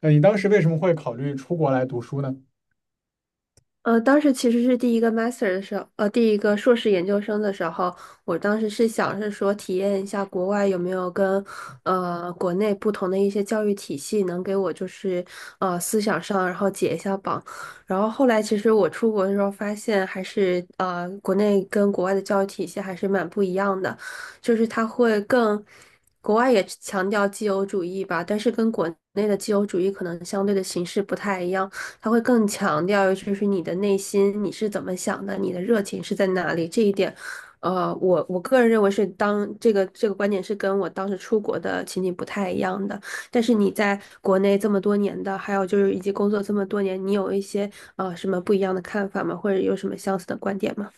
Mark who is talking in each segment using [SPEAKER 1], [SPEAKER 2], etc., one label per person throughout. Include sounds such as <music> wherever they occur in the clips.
[SPEAKER 1] 你当时为什么会考虑出国来读书呢？
[SPEAKER 2] 当时其实是第一个 master 的时候，第一个硕士研究生的时候，我当时是想是说体验一下国外有没有跟国内不同的一些教育体系能给我就是思想上然后解一下绑，然后后来其实我出国的时候发现还是国内跟国外的教育体系还是蛮不一样的，就是它会更。国外也强调自由主义吧，但是跟国内的自由主义可能相对的形式不太一样。他会更强调就是你的内心，你是怎么想的，你的热情是在哪里这一点。我个人认为是当这个观点是跟我当时出国的情景不太一样的。但是你在国内这么多年的，还有就是以及工作这么多年，你有一些什么不一样的看法吗？或者有什么相似的观点吗？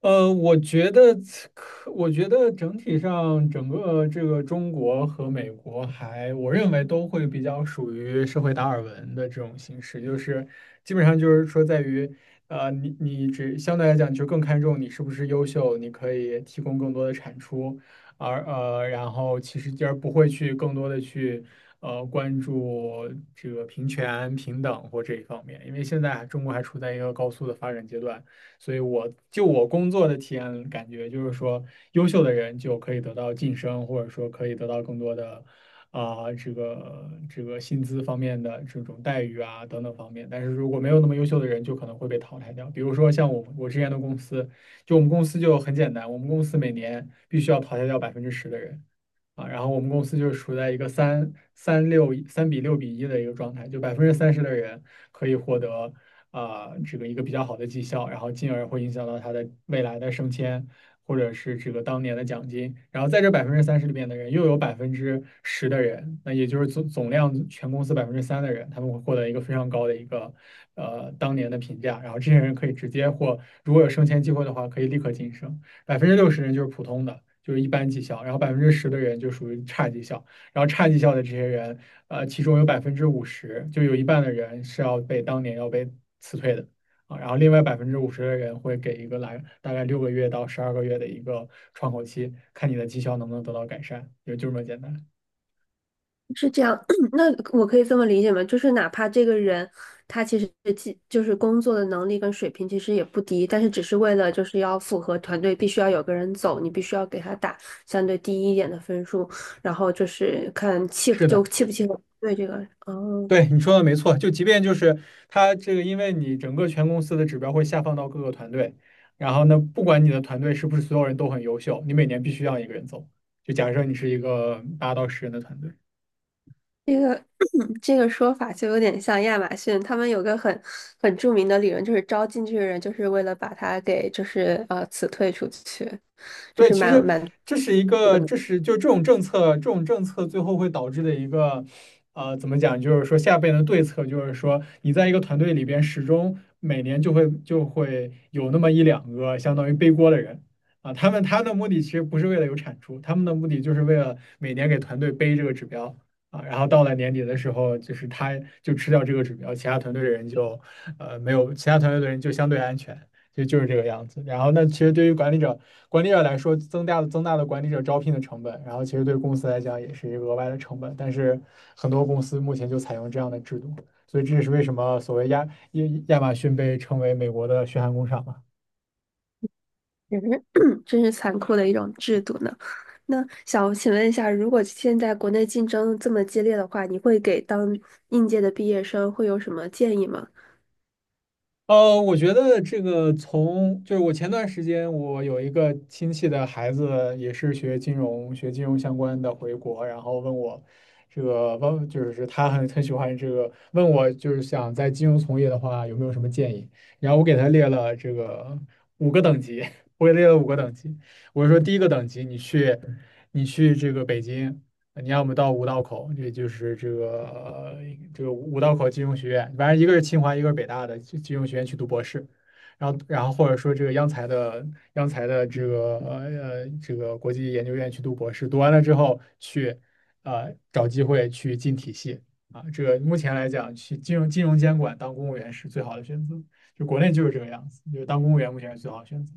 [SPEAKER 1] 呃，我觉得我觉得整体上整个这个中国和美国我认为都会比较属于社会达尔文的这种形式，就是基本上就是说在于，你只相对来讲就更看重你是不是优秀，你可以提供更多的产出，然后其实不会去更多的去关注这个平权、平等或这一方面，因为现在中国还处在一个高速的发展阶段。所以我工作的体验感觉就是说，优秀的人就可以得到晋升，或者说可以得到更多的啊、这个薪资方面的这种待遇啊等等方面。但是如果没有那么优秀的人，就可能会被淘汰掉。比如说像我之前的公司，就我们公司就很简单，我们公司每年必须要淘汰掉百分之十的人。啊，然后我们公司就是处在一个三比六比一的一个状态，就百分之三十的人可以获得啊、这个一个比较好的绩效，然后进而会影响到他的未来的升迁，或者是这个当年的奖金。然后在这百分之三十里面的人，又有百分之十的人，那也就是总量全公司百分之三的人，他们会获得一个非常高的一个当年的评价，然后这些人可以直接或如果有升迁机会的话，可以立刻晋升。60%人就是普通的，就是一般绩效，然后百分之十的人就属于差绩效，然后差绩效的这些人，其中有百分之五十，就有一半的人是要被当年要被辞退的啊，然后另外百分之五十的人会给一个来大概6个月到12个月的一个窗口期，看你的绩效能不能得到改善，也就这么简单。
[SPEAKER 2] 是这样，<clears throat> 那我可以这么理解吗？就是哪怕这个人他其实既就是工作的能力跟水平其实也不低，但是只是为了就是要符合团队，必须要有个人走，你必须要给他打相对低一点的分数，然后就是看契
[SPEAKER 1] 是
[SPEAKER 2] 就
[SPEAKER 1] 的，
[SPEAKER 2] 契不契合对这个人。哦，
[SPEAKER 1] 对，你说的没错，就即便就是它这个，因为你整个全公司的指标会下放到各个团队，然后呢，不管你的团队是不是所有人都很优秀，你每年必须让一个人走。就假设你是一个8到10人的团队，
[SPEAKER 2] 这个 <clears throat> 这个说法就有点像亚马逊，他们有个很著名的理论，就是招进去的人就是为了把他给就是辞退出去，就
[SPEAKER 1] 对，
[SPEAKER 2] 是
[SPEAKER 1] 其
[SPEAKER 2] 蛮
[SPEAKER 1] 实
[SPEAKER 2] 蛮。
[SPEAKER 1] 这是一个，这是就这种政策，这种政策最后会导致的一个，怎么讲？就是说下边的对策，就是说你在一个团队里边，始终每年就会有那么一两个相当于背锅的人啊，他们的目的其实不是为了有产出，他们的目的就是为了每年给团队背这个指标啊，然后到了年底的时候，就是他就吃掉这个指标，其他团队的人就呃没有，其他团队的人就相对安全。就是这个样子。然后，那其实对于管理者来说，增大的管理者招聘的成本，然后其实对公司来讲也是一个额外的成本。但是很多公司目前就采用这样的制度，所以这也是为什么所谓亚马逊被称为美国的血汗工厂嘛。
[SPEAKER 2] 真是 <clears throat> 真是残酷的一种制度呢。那想请问一下，如果现在国内竞争这么激烈的话，你会给当应届的毕业生会有什么建议吗？
[SPEAKER 1] 我觉得这个就是我前段时间我有一个亲戚的孩子也是学金融相关的回国，然后问我这个就是他很喜欢这个问我就是想在金融从业的话有没有什么建议，然后我给他列了这个五个等级，<laughs> 我给列了5个等级，我说第一个等级你去这个北京。呃你要么到五道口，也就是这个这个五道口金融学院，反正一个是清华，一个是北大的金融学院去读博士，然后或者说这个央财的这个这个国际研究院去读博士，读完了之后去找机会去进体系啊，这个目前来讲去金融监管当公务员是最好的选择，就国内就是这个样子，就是当公务员目前是最好的选择，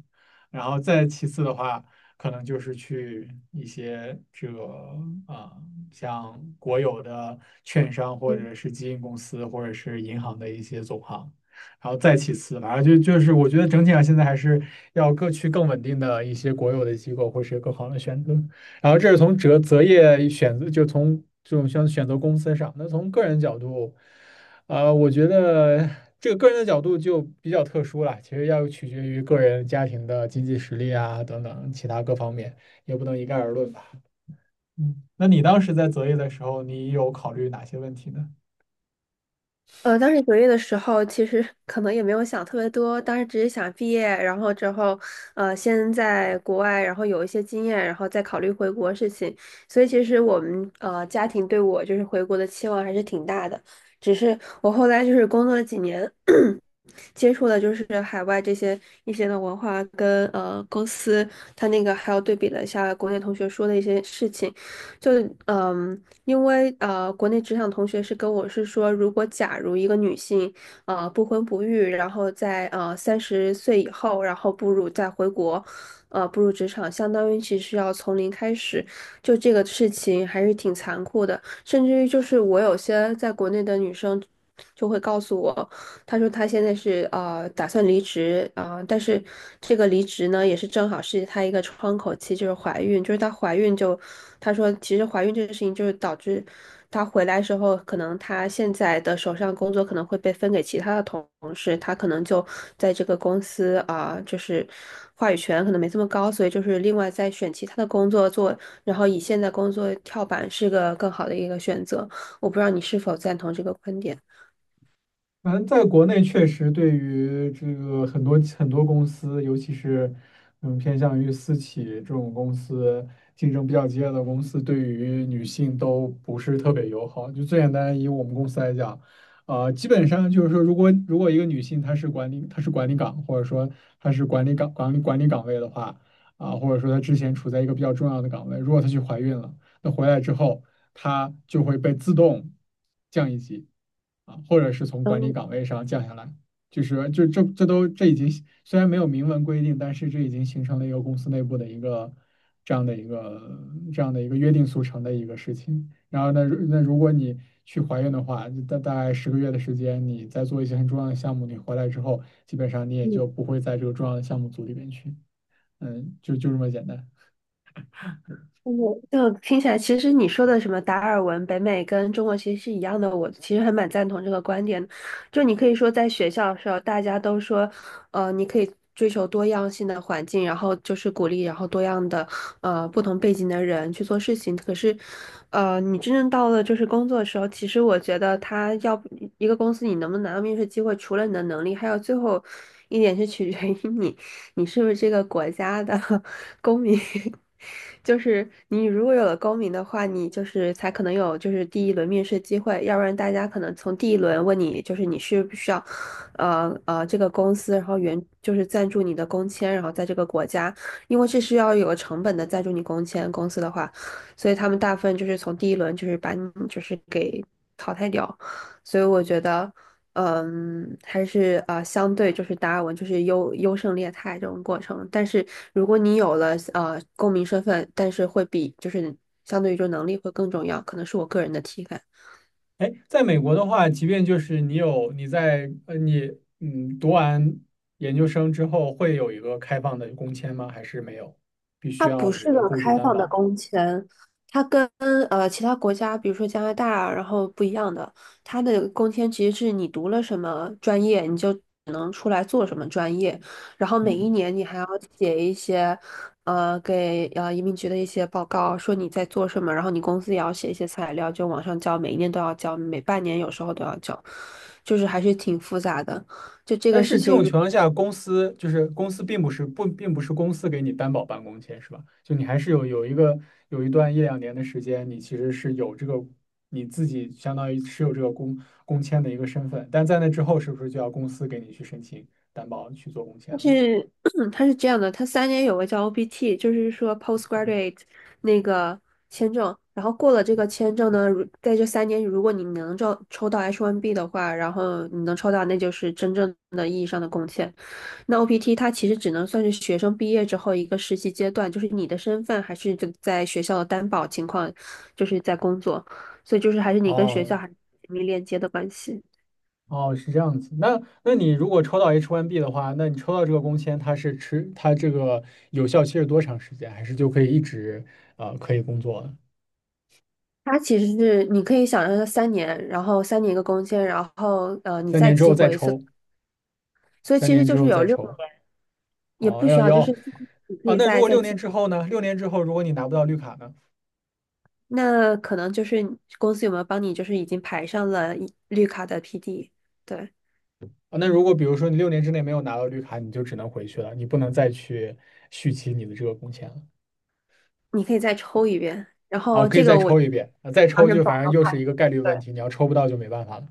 [SPEAKER 1] 然后再其次的话。可能就是去一些这个啊、像国有的券商或
[SPEAKER 2] 嗯。
[SPEAKER 1] 者是基金公司或者是银行的一些总行，然后再其次，反正就是我觉得整体上现在还是要各去更稳定的一些国有的机构或是更好的选择。然后这是从择业选择，就从这种像选择公司上，那从个人角度。我觉得这个个人的角度就比较特殊了，其实要取决于个人家庭的经济实力啊等等其他各方面，也不能一概而论吧。嗯，那你当时在择业的时候，你有考虑哪些问题呢？
[SPEAKER 2] 当时就业的时候，其实 <laughs> 可能也没有想特别多，当时只是想毕业，然后之后，先在国外，然后有一些经验，然后再考虑回国事情。所以其实我们家庭对我就是回国的期望还是挺大的，只是我后来就是工作了几年。<clears throat> 接触的就是海外这些一些的文化跟公司，他那个还有对比了一下国内同学说的一些事情，就嗯，因为国内职场同学是跟我是说，如果假如一个女性不婚不育，然后在30岁以后，然后步入再回国。步入职场，相当于其实要从零开始，就这个事情还是挺残酷的。甚至于就是我有些在国内的女生就会告诉我。他说他现在是打算离职啊、但是这个离职呢也是正好是他一个窗口期，就是怀孕，就是她怀孕就，他说其实怀孕这个事情就是导致她回来时候，可能她现在的手上工作可能会被分给其他的同事，她可能就在这个公司啊、就是话语权可能没这么高，所以就是另外再选其他的工作做，然后以现在工作跳板是个更好的一个选择。我不知道你是否赞同这个观点。
[SPEAKER 1] 反正在国内确实对于这个很多很多公司，尤其是偏向于私企这种公司，竞争比较激烈的公司，对于女性都不是特别友好。就最简单以我们公司来讲，基本上就是说，如果一个女性她是管理岗，或者说她是管理岗位的话，啊、或者说她之前处在一个比较重要的岗位，如果她去怀孕了。那回来之后，他就会被自动降一级啊，或者是从管理岗位上降下来。就是就这这都这已经虽然没有明文规定，但是这已经形成了一个公司内部的一个这样的一个这样的一个约定俗成的一个事情。然后呢，如果你去怀孕的话，大概10个月的时间，你在做一些很重要的项目，你回来之后，基本上你也
[SPEAKER 2] 嗯。
[SPEAKER 1] 就不会在这个重要的项目组里边去，嗯，就这么简单。
[SPEAKER 2] 我就听起来，其实你说的什么达尔文、北美跟中国其实是一样的，我其实还蛮赞同这个观点的就你可以说，在学校的时候，大家都说，你可以追求多样性的环境，然后就是鼓励，然后多样的，不同背景的人去做事情。可是，你真正到了就是工作的时候，其实我觉得他要不一个公司你能不能拿到面试机会，除了你的能力，还有最后一点是取决于你。你是不是这个国家的 <laughs> 公民？<laughs> 就是你如果有了公民的话，你就是才可能有就是第一轮面试机会，要不然大家可能从第一轮问你就是你需不需要，这个公司，然后原就是赞助你的工签，然后在这个国家，因为这是要有成本的赞助你工签公司的话，所以他们大部分就是从第一轮就是把你就是给淘汰掉，所以我觉得。嗯，还是相对就是达尔文就是优胜劣汰这种过程。但是如果你有了公民身份，但是会比就是相对于说能力会更重要，可能是我个人的体感。
[SPEAKER 1] 哎，在美国的话，即便就是你有你在呃你嗯读完研究生之后，会有一个开放的工签吗？还是没有？必须
[SPEAKER 2] 它不
[SPEAKER 1] 要你
[SPEAKER 2] 是
[SPEAKER 1] 的
[SPEAKER 2] 个
[SPEAKER 1] 雇主
[SPEAKER 2] 开
[SPEAKER 1] 担
[SPEAKER 2] 放的
[SPEAKER 1] 保。
[SPEAKER 2] 工签，它跟其他国家，比如说加拿大，然后不一样的。它的工签其实是你读了什么专业，你就只能出来做什么专业，然后每一
[SPEAKER 1] 嗯，
[SPEAKER 2] 年你还要写一些给移民局的一些报告，说你在做什么，然后你公司也要写一些材料，就往上交，每一年都要交，每半年有时候都要交，就是还是挺复杂的。就这
[SPEAKER 1] 但
[SPEAKER 2] 个
[SPEAKER 1] 是
[SPEAKER 2] 事
[SPEAKER 1] 这种
[SPEAKER 2] 情，
[SPEAKER 1] 情
[SPEAKER 2] 如
[SPEAKER 1] 况下，公司并不是公司给你担保办公签是吧？就你还是有一个有一段1到2年的时间，你其实是有这个你自己相当于持有这个工签的一个身份，但在那之后，是不是就要公司给你去申请担保去做工签
[SPEAKER 2] 但
[SPEAKER 1] 了？
[SPEAKER 2] 是 <clears throat> 它是这样的，它三年有个叫 OPT,就是说 postgraduate 那个签证，然后过了这个签证呢，如在这三年，如果你能抽到 H1B 的话，然后你能抽到，那就是真正的意义上的贡献。那 OPT 它其实只能算是学生毕业之后一个实习阶段，就是你的身份还是就在学校的担保情况，就是在工作，所以就是还是你跟学
[SPEAKER 1] 哦，
[SPEAKER 2] 校还是紧密链接的关系。
[SPEAKER 1] 哦，是这样子。那你如果抽到 H1B 的话，那你抽到这个工签，它是持它这个有效期是多长时间？还是就可以一直可以工作了
[SPEAKER 2] 它其实是你可以想象它三年，然后3年一个工签，然后你
[SPEAKER 1] 三
[SPEAKER 2] 再
[SPEAKER 1] 年之
[SPEAKER 2] 激
[SPEAKER 1] 后再
[SPEAKER 2] 活一次，
[SPEAKER 1] 抽，
[SPEAKER 2] 所以
[SPEAKER 1] 三
[SPEAKER 2] 其实
[SPEAKER 1] 年之
[SPEAKER 2] 就是
[SPEAKER 1] 后
[SPEAKER 2] 有
[SPEAKER 1] 再
[SPEAKER 2] 6年，
[SPEAKER 1] 抽。
[SPEAKER 2] 也
[SPEAKER 1] 哦，
[SPEAKER 2] 不需
[SPEAKER 1] 要
[SPEAKER 2] 要，
[SPEAKER 1] 要
[SPEAKER 2] 就是你可
[SPEAKER 1] 啊。
[SPEAKER 2] 以
[SPEAKER 1] 那如
[SPEAKER 2] 再
[SPEAKER 1] 果
[SPEAKER 2] 再
[SPEAKER 1] 六年
[SPEAKER 2] 激。
[SPEAKER 1] 之后呢？六年之后如果你拿不到绿卡呢？
[SPEAKER 2] 那可能就是公司有没有帮你，就是已经排上了一绿卡的 PD,对，
[SPEAKER 1] 啊，那如果比如说你6年之内没有拿到绿卡，你就只能回去了，你不能再去续期你的这个工签了。
[SPEAKER 2] 你可以再抽一遍。然
[SPEAKER 1] 哦，
[SPEAKER 2] 后
[SPEAKER 1] 可以
[SPEAKER 2] 这
[SPEAKER 1] 再
[SPEAKER 2] 个我
[SPEAKER 1] 抽一遍，啊，再
[SPEAKER 2] 当
[SPEAKER 1] 抽
[SPEAKER 2] 时
[SPEAKER 1] 就
[SPEAKER 2] 保
[SPEAKER 1] 反
[SPEAKER 2] 的
[SPEAKER 1] 正又
[SPEAKER 2] 话
[SPEAKER 1] 是一个
[SPEAKER 2] 题，
[SPEAKER 1] 概率问
[SPEAKER 2] 对
[SPEAKER 1] 题，你要抽不到就没办法了。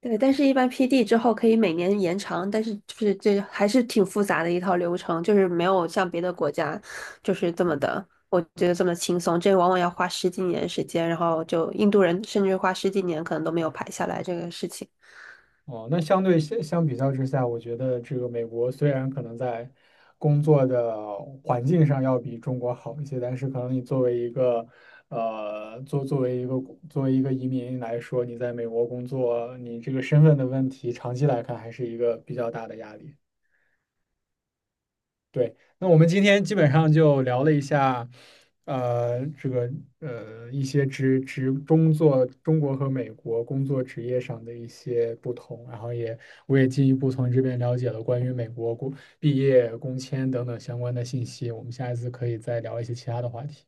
[SPEAKER 2] 对，但是一般 PD 之后可以每年延长，但是就是这还是挺复杂的一套流程，就是没有像别的国家就是这么的，我觉得这么轻松，这往往要花十几年时间，然后就印度人甚至花十几年可能都没有排下来这个事情。
[SPEAKER 1] 哦，那相对相相比较之下，我觉得这个美国虽然可能在工作的环境上要比中国好一些，但是可能你作为一个呃，作作为一个作为一个移民来说，你在美国工作，你这个身份的问题，长期来看还是一个比较大的压力。对，那我们今天基本上就聊了一下，呃，这个一些工作中国和美国工作职业上的一些不同，然后我也进一步从这边了解了关于美国毕业工签等等相关的信息，我们下一次可以再聊一些其他的话题。